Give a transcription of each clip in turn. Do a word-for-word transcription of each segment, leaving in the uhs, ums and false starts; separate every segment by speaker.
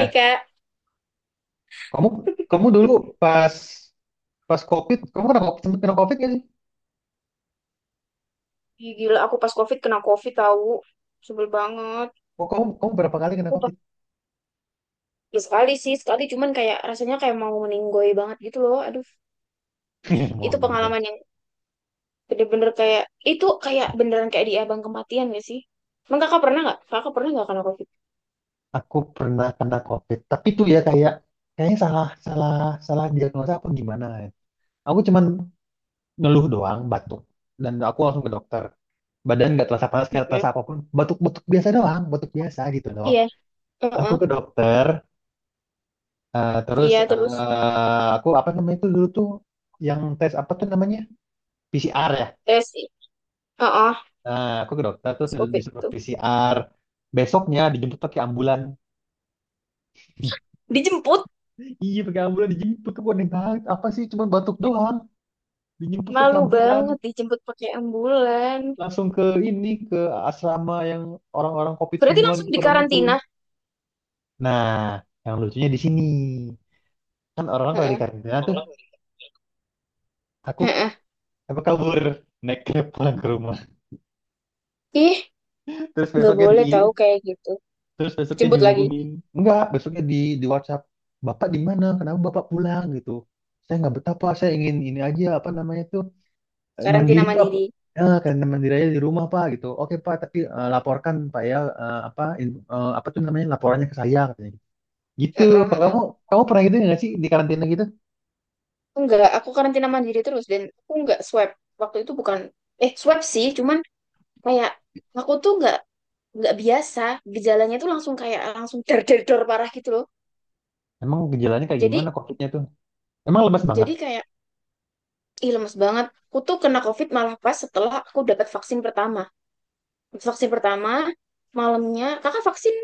Speaker 1: Ih, kayak
Speaker 2: kamu kamu dulu pas pas COVID, kamu kena COVID, sempet kena COVID gak sih?
Speaker 1: ih, gila aku pas COVID kena COVID tahu sebel banget.
Speaker 2: Oh, kamu kamu berapa kali kena
Speaker 1: Aku pas
Speaker 2: COVID?
Speaker 1: ya sekali sih sekali cuman kayak rasanya kayak mau meninggoy banget gitu loh. Aduh
Speaker 2: Mau
Speaker 1: itu
Speaker 2: nih, Bro.
Speaker 1: pengalaman yang bener-bener kayak itu kayak beneran kayak di abang kematian gak sih? Emang kakak pernah nggak? Kakak pernah nggak kena COVID?
Speaker 2: Aku pernah kena COVID, tapi tuh ya kayak kayaknya salah salah salah diagnosa apa gimana ya. Aku cuman ngeluh doang, batuk, dan aku langsung ke dokter. Badan nggak terasa panas, nggak
Speaker 1: Mm-mm.
Speaker 2: terasa apapun, batuk-batuk biasa doang, batuk biasa gitu loh.
Speaker 1: Iya.
Speaker 2: Aku
Speaker 1: Heeh.
Speaker 2: ke dokter, eh, terus
Speaker 1: Iya terus
Speaker 2: eh, aku apa namanya itu dulu tuh yang tes apa tuh namanya? P C R ya.
Speaker 1: tes. Heeh.
Speaker 2: Nah, aku ke dokter terus
Speaker 1: Pas COVID
Speaker 2: disuruh
Speaker 1: itu
Speaker 2: P C R. Besoknya dijemput pakai ambulan.
Speaker 1: dijemput,
Speaker 2: Iya pakai ambulan dijemput ke Boneng banget. Apa sih cuma batuk doang. Dijemput pakai
Speaker 1: malu
Speaker 2: ambulan.
Speaker 1: banget dijemput pakai ambulan.
Speaker 2: Langsung ke ini ke asrama yang orang-orang COVID
Speaker 1: Berarti
Speaker 2: semua
Speaker 1: langsung
Speaker 2: gitu pada ngumpul.
Speaker 1: dikarantina.
Speaker 2: Nah, yang lucunya di sini. Kan orang-orang kalau di
Speaker 1: Heeh.
Speaker 2: karantina tuh aku
Speaker 1: Heeh.
Speaker 2: apa kabur naik cab pulang ke rumah.
Speaker 1: Ih,
Speaker 2: Terus
Speaker 1: nggak
Speaker 2: besoknya di
Speaker 1: boleh tahu kayak gitu.
Speaker 2: Terus besoknya
Speaker 1: Jemput lagi.
Speaker 2: dihubungin. Enggak, besoknya di di WhatsApp. Bapak di mana? Kenapa Bapak pulang gitu? Saya nggak betah Pak, saya ingin ini aja apa namanya tuh eh, mandiri
Speaker 1: Karantina
Speaker 2: tuh apa?
Speaker 1: mandiri.
Speaker 2: Eh, karena mandiri aja di rumah Pak gitu. Oke Pak, tapi eh, laporkan Pak ya eh, apa in- eh, apa tuh namanya laporannya ke saya katanya. Gitu.
Speaker 1: Heeh,
Speaker 2: Kalau
Speaker 1: heeh.
Speaker 2: kamu kamu pernah gitu nggak sih di karantina gitu?
Speaker 1: Enggak, aku karantina mandiri terus dan aku enggak swab. Waktu itu bukan eh swab sih, cuman kayak aku tuh enggak enggak biasa, gejalanya tuh langsung kayak langsung der der dor parah gitu loh.
Speaker 2: Emang gejalanya kayak gimana
Speaker 1: Jadi
Speaker 2: COVID-nya tuh? Emang lemas banget?
Speaker 1: jadi kayak ih lemes banget. Aku tuh kena COVID malah pas setelah aku dapat vaksin pertama. Vaksin pertama malamnya kakak vaksin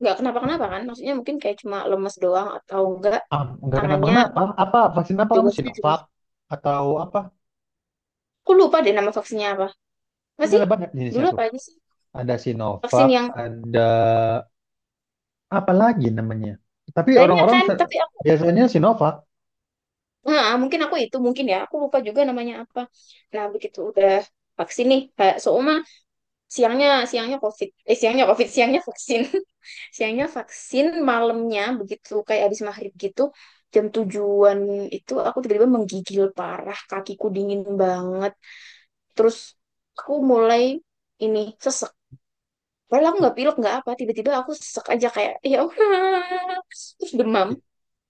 Speaker 1: nggak kenapa-kenapa kan? Maksudnya mungkin kayak cuma lemes doang atau enggak
Speaker 2: Ah, nggak
Speaker 1: tangannya
Speaker 2: kenapa-kenapa? Apa vaksin apa
Speaker 1: juga
Speaker 2: kamu
Speaker 1: sih juga.
Speaker 2: Sinovac atau apa?
Speaker 1: Aku lupa deh nama vaksinnya apa. Apa
Speaker 2: Kan
Speaker 1: sih?
Speaker 2: ada banyak jenisnya
Speaker 1: Dulu
Speaker 2: tuh.
Speaker 1: apa aja sih?
Speaker 2: Ada Sinovac,
Speaker 1: Vaksin yang
Speaker 2: ada apalagi namanya. Tapi
Speaker 1: banyak
Speaker 2: orang-orang
Speaker 1: kan
Speaker 2: se-
Speaker 1: tapi aku
Speaker 2: biasanya Sinovac
Speaker 1: nah, mungkin aku itu mungkin ya aku lupa juga namanya apa, nah begitu udah vaksin nih kayak Souma, siangnya siangnya covid eh siangnya covid siangnya vaksin siangnya vaksin malamnya begitu kayak habis maghrib gitu, jam tujuan itu aku tiba-tiba menggigil parah, kakiku dingin banget, terus aku mulai ini sesek padahal aku
Speaker 2: I-
Speaker 1: nggak pilek nggak apa, tiba-tiba aku sesek aja kayak ya Allah." Terus demam,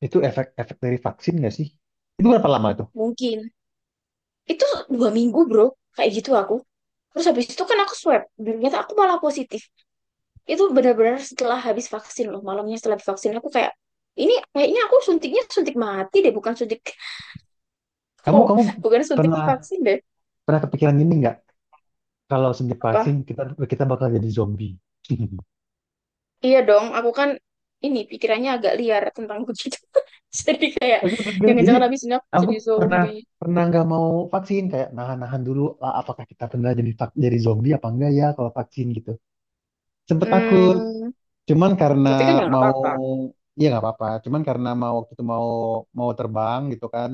Speaker 2: itu efek-efek dari vaksin nggak sih? Itu berapa lama itu?
Speaker 1: mungkin itu dua minggu bro kayak gitu aku, terus habis itu kan aku swab dan ternyata aku malah positif. Itu benar-benar setelah habis vaksin loh, malamnya setelah vaksin aku kayak ini kayaknya aku suntiknya suntik mati deh bukan suntik.
Speaker 2: Kamu
Speaker 1: Oh
Speaker 2: kamu
Speaker 1: bukan suntik
Speaker 2: pernah
Speaker 1: vaksin deh.
Speaker 2: pernah kepikiran gini nggak? Kalau sejak
Speaker 1: Apa
Speaker 2: vaksin kita kita bakal jadi zombie.
Speaker 1: iya dong, aku kan ini pikirannya agak liar tentang begitu. Jadi kayak
Speaker 2: Aku pikir, jadi
Speaker 1: jangan-jangan habis ini aku
Speaker 2: aku
Speaker 1: jadi
Speaker 2: pernah
Speaker 1: zombie.
Speaker 2: pernah nggak mau vaksin kayak nahan-nahan dulu ah, apakah kita benar jadi vak- jadi zombie apa enggak ya kalau vaksin gitu. Sempet takut.
Speaker 1: Hmm,
Speaker 2: Cuman karena
Speaker 1: tapi kan ya nggak
Speaker 2: mau
Speaker 1: apa-apa.
Speaker 2: iya nggak apa-apa. Cuman karena mau waktu itu mau mau terbang gitu kan.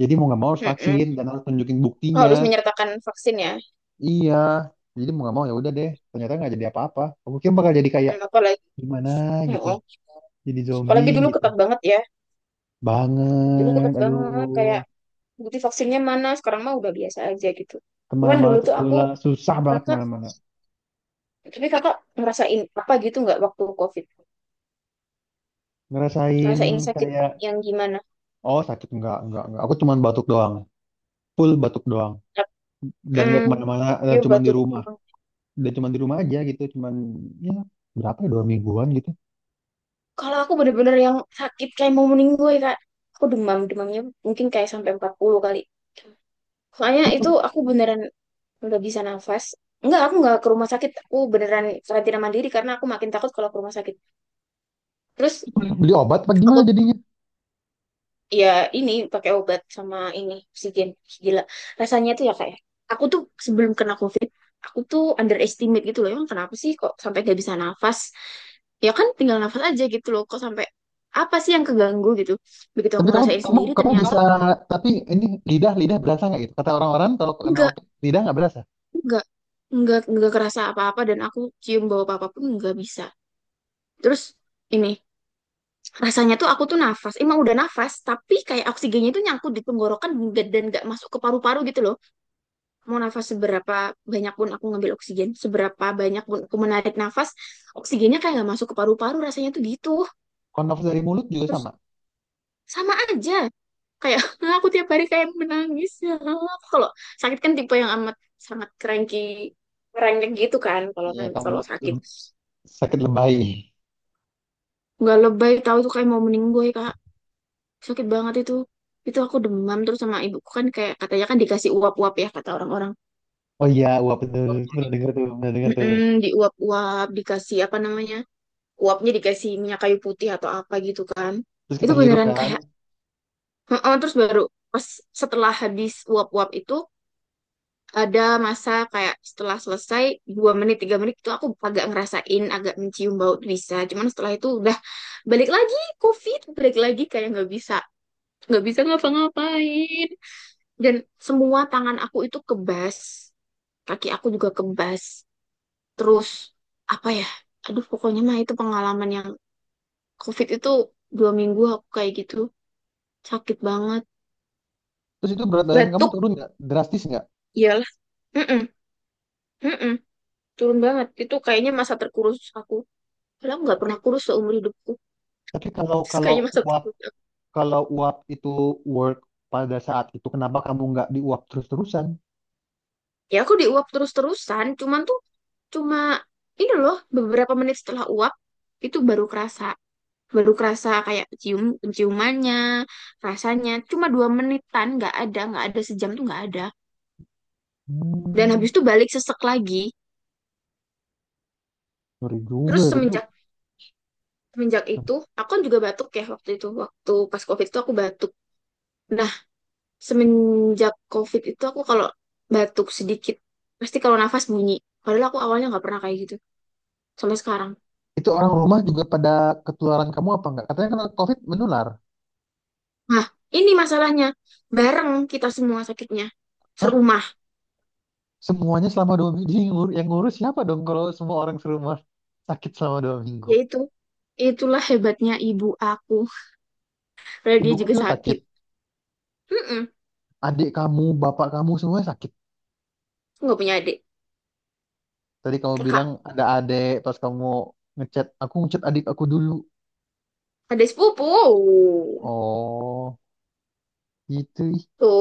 Speaker 2: Jadi mau nggak mau harus vaksin
Speaker 1: Mm-mm.
Speaker 2: dan harus tunjukin buktinya.
Speaker 1: Harus menyertakan vaksin ya.
Speaker 2: Iya. Jadi mau nggak mau ya udah deh. Ternyata nggak jadi apa-apa. Aku kira bakal jadi kayak
Speaker 1: Hmm, apalagi.
Speaker 2: gimana gitu.
Speaker 1: Mm-mm.
Speaker 2: Jadi zombie
Speaker 1: Apalagi dulu
Speaker 2: gitu.
Speaker 1: ketat banget ya, dulu
Speaker 2: Banget.
Speaker 1: ketat banget kayak
Speaker 2: Aduh.
Speaker 1: bukti vaksinnya mana, sekarang mah udah biasa aja gitu, cuman dulu
Speaker 2: Kemana-mana
Speaker 1: tuh aku
Speaker 2: tertular. Susah banget
Speaker 1: kakak,
Speaker 2: kemana-mana.
Speaker 1: tapi kakak ngerasain apa gitu nggak waktu covid,
Speaker 2: Ngerasain
Speaker 1: ngerasain sakit
Speaker 2: kayak
Speaker 1: yang gimana.
Speaker 2: oh sakit enggak enggak enggak. Aku cuman batuk doang. Full batuk doang. Dan nggak
Speaker 1: Hmm,
Speaker 2: kemana-mana dan
Speaker 1: pure
Speaker 2: cuman di
Speaker 1: batu
Speaker 2: rumah.
Speaker 1: doang.
Speaker 2: Udah cuman di rumah aja gitu cuman ya berapa ya dua mingguan gitu
Speaker 1: Kalau aku bener-bener yang sakit kayak mau meninggal kak, aku demam, demamnya mungkin kayak sampai empat puluh kali. Soalnya
Speaker 2: terus
Speaker 1: itu aku beneran nggak bisa nafas. Enggak, aku nggak ke rumah sakit. Aku beneran karantina mandiri karena aku makin takut kalau ke rumah sakit. Terus
Speaker 2: beli obat apa gimana
Speaker 1: aku
Speaker 2: jadinya
Speaker 1: ya ini pakai obat sama ini oksigen. Gila rasanya tuh ya kayak, aku tuh sebelum kena COVID aku tuh underestimate gitu loh, emang kenapa sih kok sampai gak bisa nafas, ya kan tinggal nafas aja gitu loh kok sampai apa sih yang keganggu gitu. Begitu aku
Speaker 2: tapi kamu
Speaker 1: ngerasain
Speaker 2: kamu
Speaker 1: sendiri
Speaker 2: kamu
Speaker 1: ternyata
Speaker 2: bisa tapi ini lidah lidah berasa nggak gitu kata orang-orang kalau kena
Speaker 1: enggak
Speaker 2: opik lidah nggak berasa
Speaker 1: enggak enggak enggak kerasa apa-apa, dan aku cium bau apa-apa pun enggak bisa. Terus ini rasanya tuh aku tuh nafas, emang udah nafas tapi kayak oksigennya itu nyangkut di tenggorokan, dan dan nggak masuk ke paru-paru gitu loh. Mau nafas seberapa banyak pun aku ngambil oksigen, seberapa banyak pun aku menarik nafas, oksigennya kayak nggak masuk ke paru-paru rasanya tuh gitu.
Speaker 2: kalau nafas dari mulut juga
Speaker 1: Terus
Speaker 2: sama
Speaker 1: sama aja. Kayak aku tiap hari kayak menangis. Aku kalau sakit kan tipe yang amat sangat cranky, cranky gitu kan kalau
Speaker 2: ya
Speaker 1: kan,
Speaker 2: kamu
Speaker 1: kalau sakit.
Speaker 2: lem- sakit lebay
Speaker 1: Gak lebay tahu tuh kayak mau meninggoy, Kak. Sakit banget itu. Itu aku demam terus, sama ibuku kan kayak katanya kan dikasih uap-uap ya kata orang-orang.
Speaker 2: oh iya wah bener. Itu pernah dengar tuh pernah dengar tuh
Speaker 1: Mm-mm, diuap-uap, dikasih apa namanya? Uapnya dikasih minyak kayu putih atau apa gitu kan.
Speaker 2: terus
Speaker 1: Itu
Speaker 2: kita hirup
Speaker 1: beneran
Speaker 2: kan
Speaker 1: kayak heeh, terus baru pas setelah habis uap-uap itu ada masa kayak setelah selesai dua menit tiga menit itu aku agak ngerasain agak mencium bau tuh bisa, cuman setelah itu udah balik lagi COVID, balik lagi kayak nggak bisa nggak bisa ngapa-ngapain. Dan semua tangan aku itu kebas, kaki aku juga kebas, terus apa ya, aduh pokoknya mah itu pengalaman yang COVID itu dua minggu aku kayak gitu, sakit banget,
Speaker 2: terus itu berat badan kamu
Speaker 1: batuk.
Speaker 2: turun nggak drastis nggak
Speaker 1: Iyalah. Mm, turun banget itu, kayaknya masa terkurus aku, padahal nggak pernah
Speaker 2: tapi
Speaker 1: kurus seumur hidupku,
Speaker 2: tapi kalau
Speaker 1: terus
Speaker 2: kalau
Speaker 1: kayaknya masa
Speaker 2: uap
Speaker 1: terkurus aku.
Speaker 2: kalau uap itu work pada saat itu kenapa kamu nggak diuap terus-terusan.
Speaker 1: Ya aku diuap terus-terusan cuman tuh cuma ini loh beberapa menit setelah uap itu baru kerasa, baru kerasa kayak cium, ciumannya rasanya cuma dua menitan, nggak ada nggak ada sejam tuh nggak ada, dan
Speaker 2: Hmm.
Speaker 1: habis itu balik sesek lagi.
Speaker 2: Ngeri juga
Speaker 1: Terus
Speaker 2: ya itu.
Speaker 1: semenjak semenjak itu aku kan juga batuk ya waktu itu, waktu pas covid itu aku batuk. Nah, semenjak covid itu aku kalau batuk sedikit pasti kalau nafas bunyi, padahal aku awalnya nggak pernah kayak gitu sampai sekarang.
Speaker 2: Itu orang rumah juga pada ketularan kamu apa enggak? Katanya kena COVID menular.
Speaker 1: Nah, ini masalahnya, bareng kita semua sakitnya,
Speaker 2: Hah?
Speaker 1: serumah.
Speaker 2: Semuanya selama dua minggu. Jadi yang ngur- yang ngurus siapa dong kalau semua orang serumah sakit selama dua minggu?
Speaker 1: Yaitu itulah hebatnya ibu aku, padahal dia
Speaker 2: Ibuku
Speaker 1: juga
Speaker 2: juga sakit.
Speaker 1: sakit. Mm-mm.
Speaker 2: Adik kamu, bapak kamu semuanya sakit.
Speaker 1: Aku nggak punya adik
Speaker 2: Tadi kamu
Speaker 1: kakak,
Speaker 2: bilang ada adik pas kamu ngechat. Aku ngechat adik aku dulu.
Speaker 1: adik sepupu
Speaker 2: Oh, gitu. Ih.
Speaker 1: tuh.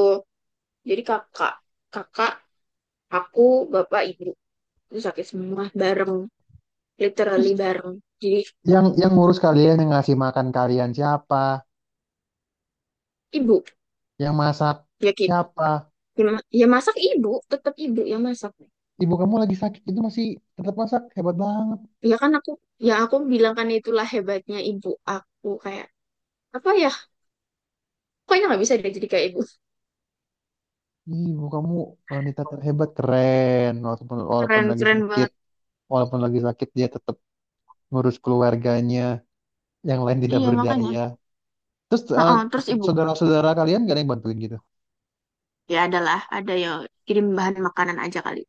Speaker 1: Jadi kakak kakak aku, bapak ibu itu sakit semua bareng, literally
Speaker 2: Terus
Speaker 1: bareng. Jadi
Speaker 2: yang yang ngurus kalian, yang ngasih makan kalian siapa?
Speaker 1: ibu,
Speaker 2: Yang masak
Speaker 1: ya kita,
Speaker 2: siapa?
Speaker 1: ya masak ibu, tetap ibu yang masak.
Speaker 2: Ibu kamu lagi sakit itu masih tetap masak. Hebat banget.
Speaker 1: Ya kan aku, ya aku bilang kan itulah hebatnya ibu aku, kayak apa ya, pokoknya nggak bisa dia jadi kayak ibu.
Speaker 2: Ibu kamu wanita terhebat keren walaupun walaupun
Speaker 1: Keren,
Speaker 2: lagi
Speaker 1: keren
Speaker 2: sakit
Speaker 1: banget.
Speaker 2: walaupun lagi sakit dia tetap ngurus keluarganya yang lain tidak
Speaker 1: Iya makanya.
Speaker 2: berdaya terus eh,
Speaker 1: Heeh, terus ibu
Speaker 2: saudara-saudara kalian gak ada yang bantuin gitu.
Speaker 1: ya adalah ada ya, kirim bahan makanan aja kali,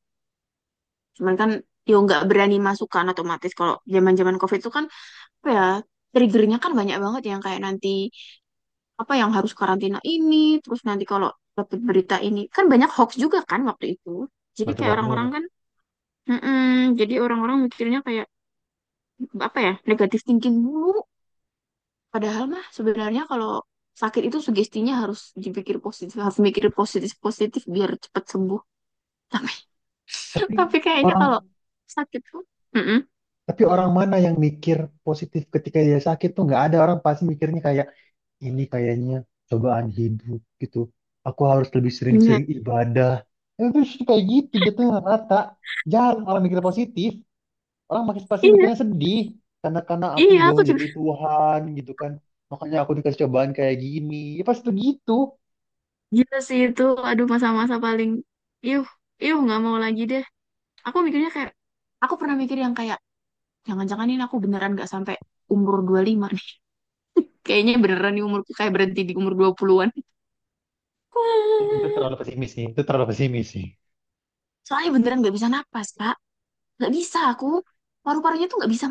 Speaker 1: cuman kan ya nggak berani masukkan, otomatis kalau zaman zaman covid itu kan apa ya, triggernya kan banyak banget yang kayak nanti apa yang harus karantina ini, terus nanti kalau dapat berita ini, kan banyak hoax juga kan waktu itu. Jadi
Speaker 2: Banyak
Speaker 1: kayak orang-orang
Speaker 2: banget.
Speaker 1: kan, mm-mm, jadi orang-orang mikirnya kayak apa ya, negatif thinking dulu. Padahal mah sebenarnya kalau sakit itu sugestinya harus dipikir positif, harus mikir positif-positif biar cepat sembuh. Tapi,
Speaker 2: Tapi
Speaker 1: tapi kayaknya
Speaker 2: orang
Speaker 1: kalau sakit tuh, mm-mm,
Speaker 2: tapi orang mana yang mikir positif ketika dia sakit tuh nggak ada orang pasti mikirnya kayak ini kayaknya cobaan hidup gitu. Aku harus lebih
Speaker 1: iya,
Speaker 2: sering-sering ibadah. Itu kayak gitu jatuhnya rata jarang orang mikir positif orang makin pasti
Speaker 1: iya,
Speaker 2: mikirnya sedih karena karena aku
Speaker 1: iya, aku
Speaker 2: jauh
Speaker 1: juga.
Speaker 2: dari Tuhan gitu kan makanya aku dikasih cobaan kayak gini ya pasti begitu
Speaker 1: Gila sih itu, aduh masa-masa paling, yuh, yuh nggak mau lagi deh. Aku mikirnya kayak aku pernah mikir yang kayak jangan-jangan ini aku beneran gak sampai umur dua puluh lima nih. Kayaknya beneran di umur kayak berhenti di umur dua an.
Speaker 2: itu terlalu pesimis sih itu terlalu pesimis sih
Speaker 1: Soalnya beneran gak bisa napas, Kak. Gak bisa aku. Paru-parunya tuh gak bisa,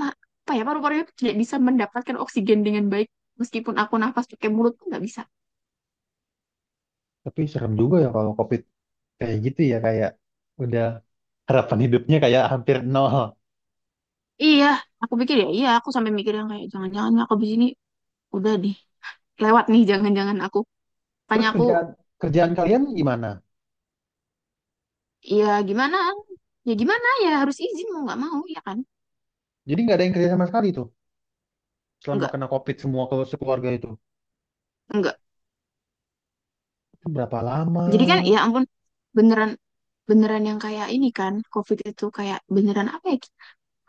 Speaker 1: apa ya, paru-parunya tuh tidak bisa mendapatkan oksigen dengan baik. Meskipun aku nafas pakai mulut tuh gak bisa.
Speaker 2: tapi serem juga ya kalau COVID kayak gitu ya kayak udah harapan hidupnya kayak hampir nol
Speaker 1: Iya, aku pikir ya, iya aku sampai mikir yang kayak, jangan-jangan aku di sini udah deh. Lewat nih, jangan-jangan aku. Tanya
Speaker 2: terus
Speaker 1: aku,
Speaker 2: kerjaan kerjaan kalian gimana
Speaker 1: ya gimana? Ya gimana ya, harus izin mau gak mau, ya kan?
Speaker 2: jadi nggak ada yang kerja sama sekali tuh selama
Speaker 1: Enggak,
Speaker 2: kena COVID semua kalau sekeluarga itu.
Speaker 1: enggak.
Speaker 2: Itu berapa lama
Speaker 1: Jadi kan ya ampun, beneran beneran yang kayak ini kan COVID itu kayak beneran apa ya?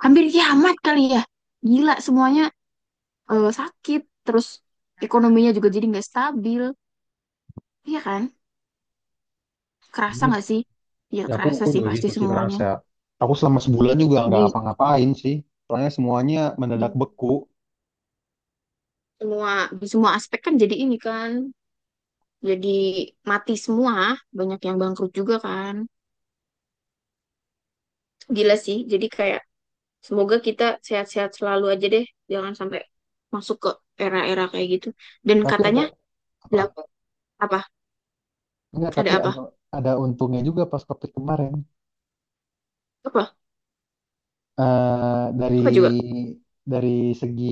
Speaker 1: Hampir kiamat kali ya. Gila semuanya eh, sakit, terus ekonominya juga jadi nggak stabil. Iya kan? Kerasa
Speaker 2: ini.
Speaker 1: nggak sih? Ya
Speaker 2: Ya aku
Speaker 1: kerasa
Speaker 2: aku
Speaker 1: sih
Speaker 2: juga
Speaker 1: pasti
Speaker 2: gitu sih
Speaker 1: semuanya.
Speaker 2: kerasa. Aku selama sebulan juga nggak
Speaker 1: Di,
Speaker 2: ngapa-ngapain sih. Soalnya semuanya
Speaker 1: di
Speaker 2: mendadak beku.
Speaker 1: semua, di semua aspek kan jadi ini kan jadi mati semua, banyak yang bangkrut juga kan. Gila sih. Jadi kayak semoga kita sehat-sehat selalu aja deh. Jangan sampai masuk ke era-era kayak gitu. Dan
Speaker 2: Tapi ada
Speaker 1: katanya,
Speaker 2: apa?
Speaker 1: belakang apa?
Speaker 2: Enggak, tapi
Speaker 1: Ada
Speaker 2: ada
Speaker 1: apa?
Speaker 2: ada untungnya juga pas COVID kemarin.
Speaker 1: Apa?
Speaker 2: Eh dari
Speaker 1: Apa coba?
Speaker 2: dari segi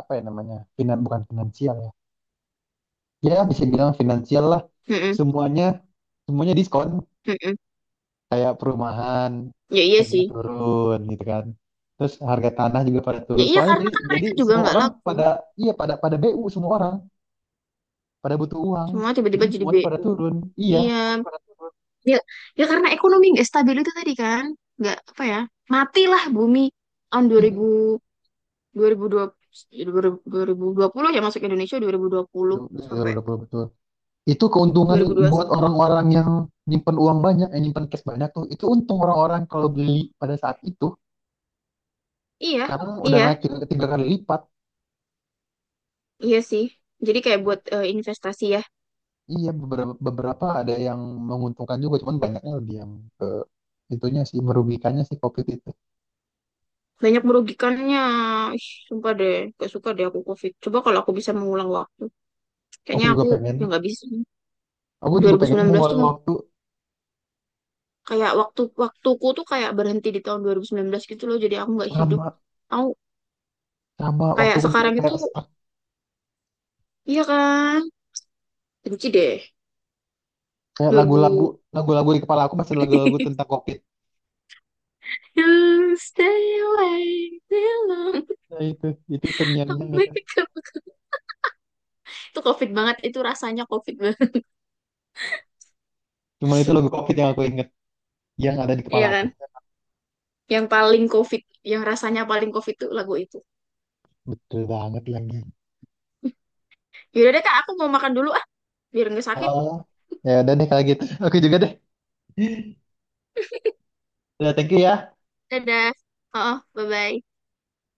Speaker 2: apa ya namanya? Finan bukan finansial ya. Ya bisa bilang finansial lah.
Speaker 1: Mm-mm.
Speaker 2: Semuanya semuanya diskon.
Speaker 1: Mm-mm.
Speaker 2: Kayak perumahan
Speaker 1: Ya iya
Speaker 2: harganya
Speaker 1: sih.
Speaker 2: turun gitu kan. Terus harga tanah juga pada
Speaker 1: Ya
Speaker 2: turun.
Speaker 1: iya
Speaker 2: Soalnya
Speaker 1: karena
Speaker 2: jadi
Speaker 1: kan
Speaker 2: jadi
Speaker 1: mereka juga
Speaker 2: semua
Speaker 1: nggak
Speaker 2: orang
Speaker 1: laku.
Speaker 2: pada iya pada pada B U semua orang pada butuh uang
Speaker 1: Semua tiba-tiba
Speaker 2: jadi
Speaker 1: jadi
Speaker 2: semuanya pada
Speaker 1: B U.
Speaker 2: turun iya
Speaker 1: Iya. Ya, ya karena ekonomi nggak stabil itu tadi kan. Nggak apa ya. Matilah bumi tahun dua
Speaker 2: iya.
Speaker 1: ribu, dua ribu dua puluh, dua ribu ribu ribu dua puluh ya, masuk Indonesia dua dua ribu dua puluh
Speaker 2: Duh, duh, duh,
Speaker 1: sampai
Speaker 2: duh, duh, betul itu
Speaker 1: dua dua
Speaker 2: keuntungan
Speaker 1: ribu dua puluh
Speaker 2: buat
Speaker 1: satu.
Speaker 2: orang-orang yang nyimpen uang banyak yang nyimpen cash banyak tuh itu untung orang-orang kalau beli pada saat itu
Speaker 1: Iya,
Speaker 2: sekarang udah naik
Speaker 1: iya.
Speaker 2: tiga, tiga kali lipat
Speaker 1: Iya sih. Jadi kayak buat eh, investasi ya.
Speaker 2: iya beberapa beberapa ada yang menguntungkan juga cuman banyaknya lebih yang ke itunya sih merugikannya sih covid itu
Speaker 1: Banyak merugikannya. Ih, sumpah deh. Gak suka deh aku COVID. Coba kalau aku bisa mengulang waktu.
Speaker 2: aku
Speaker 1: Kayaknya
Speaker 2: juga
Speaker 1: aku
Speaker 2: pengen
Speaker 1: ya nggak bisa.
Speaker 2: aku juga pengen
Speaker 1: dua ribu sembilan belas tuh
Speaker 2: mengulang waktu
Speaker 1: kayak waktu waktuku tuh kayak berhenti di tahun dua ribu sembilan belas gitu loh. Jadi aku nggak hidup.
Speaker 2: selama
Speaker 1: Aku
Speaker 2: sama waktu
Speaker 1: kayak
Speaker 2: aku juga
Speaker 1: sekarang itu,
Speaker 2: kayak stuck
Speaker 1: iya kan? Benci deh.
Speaker 2: kayak
Speaker 1: dua ribu.
Speaker 2: lagu-lagu lagu-lagu di kepala aku masih lagu-lagu tentang covid.
Speaker 1: You stay away too long.
Speaker 2: Nah, itu itu
Speaker 1: Aku
Speaker 2: terngiang-ngiang itu.
Speaker 1: pikir- itu COVID banget. Itu rasanya COVID banget.
Speaker 2: Cuman itu logo COVID yang aku inget, yang ada di kepala
Speaker 1: Iya
Speaker 2: aku.
Speaker 1: kan? Yang paling COVID, yang rasanya paling COVID tuh lagu itu.
Speaker 2: Betul banget lagi.
Speaker 1: Yaudah deh kak, aku mau makan dulu ah, biar nggak sakit.
Speaker 2: Oh, ya udah deh kalau gitu. Oke juga deh. Udah, thank you ya.
Speaker 1: Dadah. Oh, bye-bye.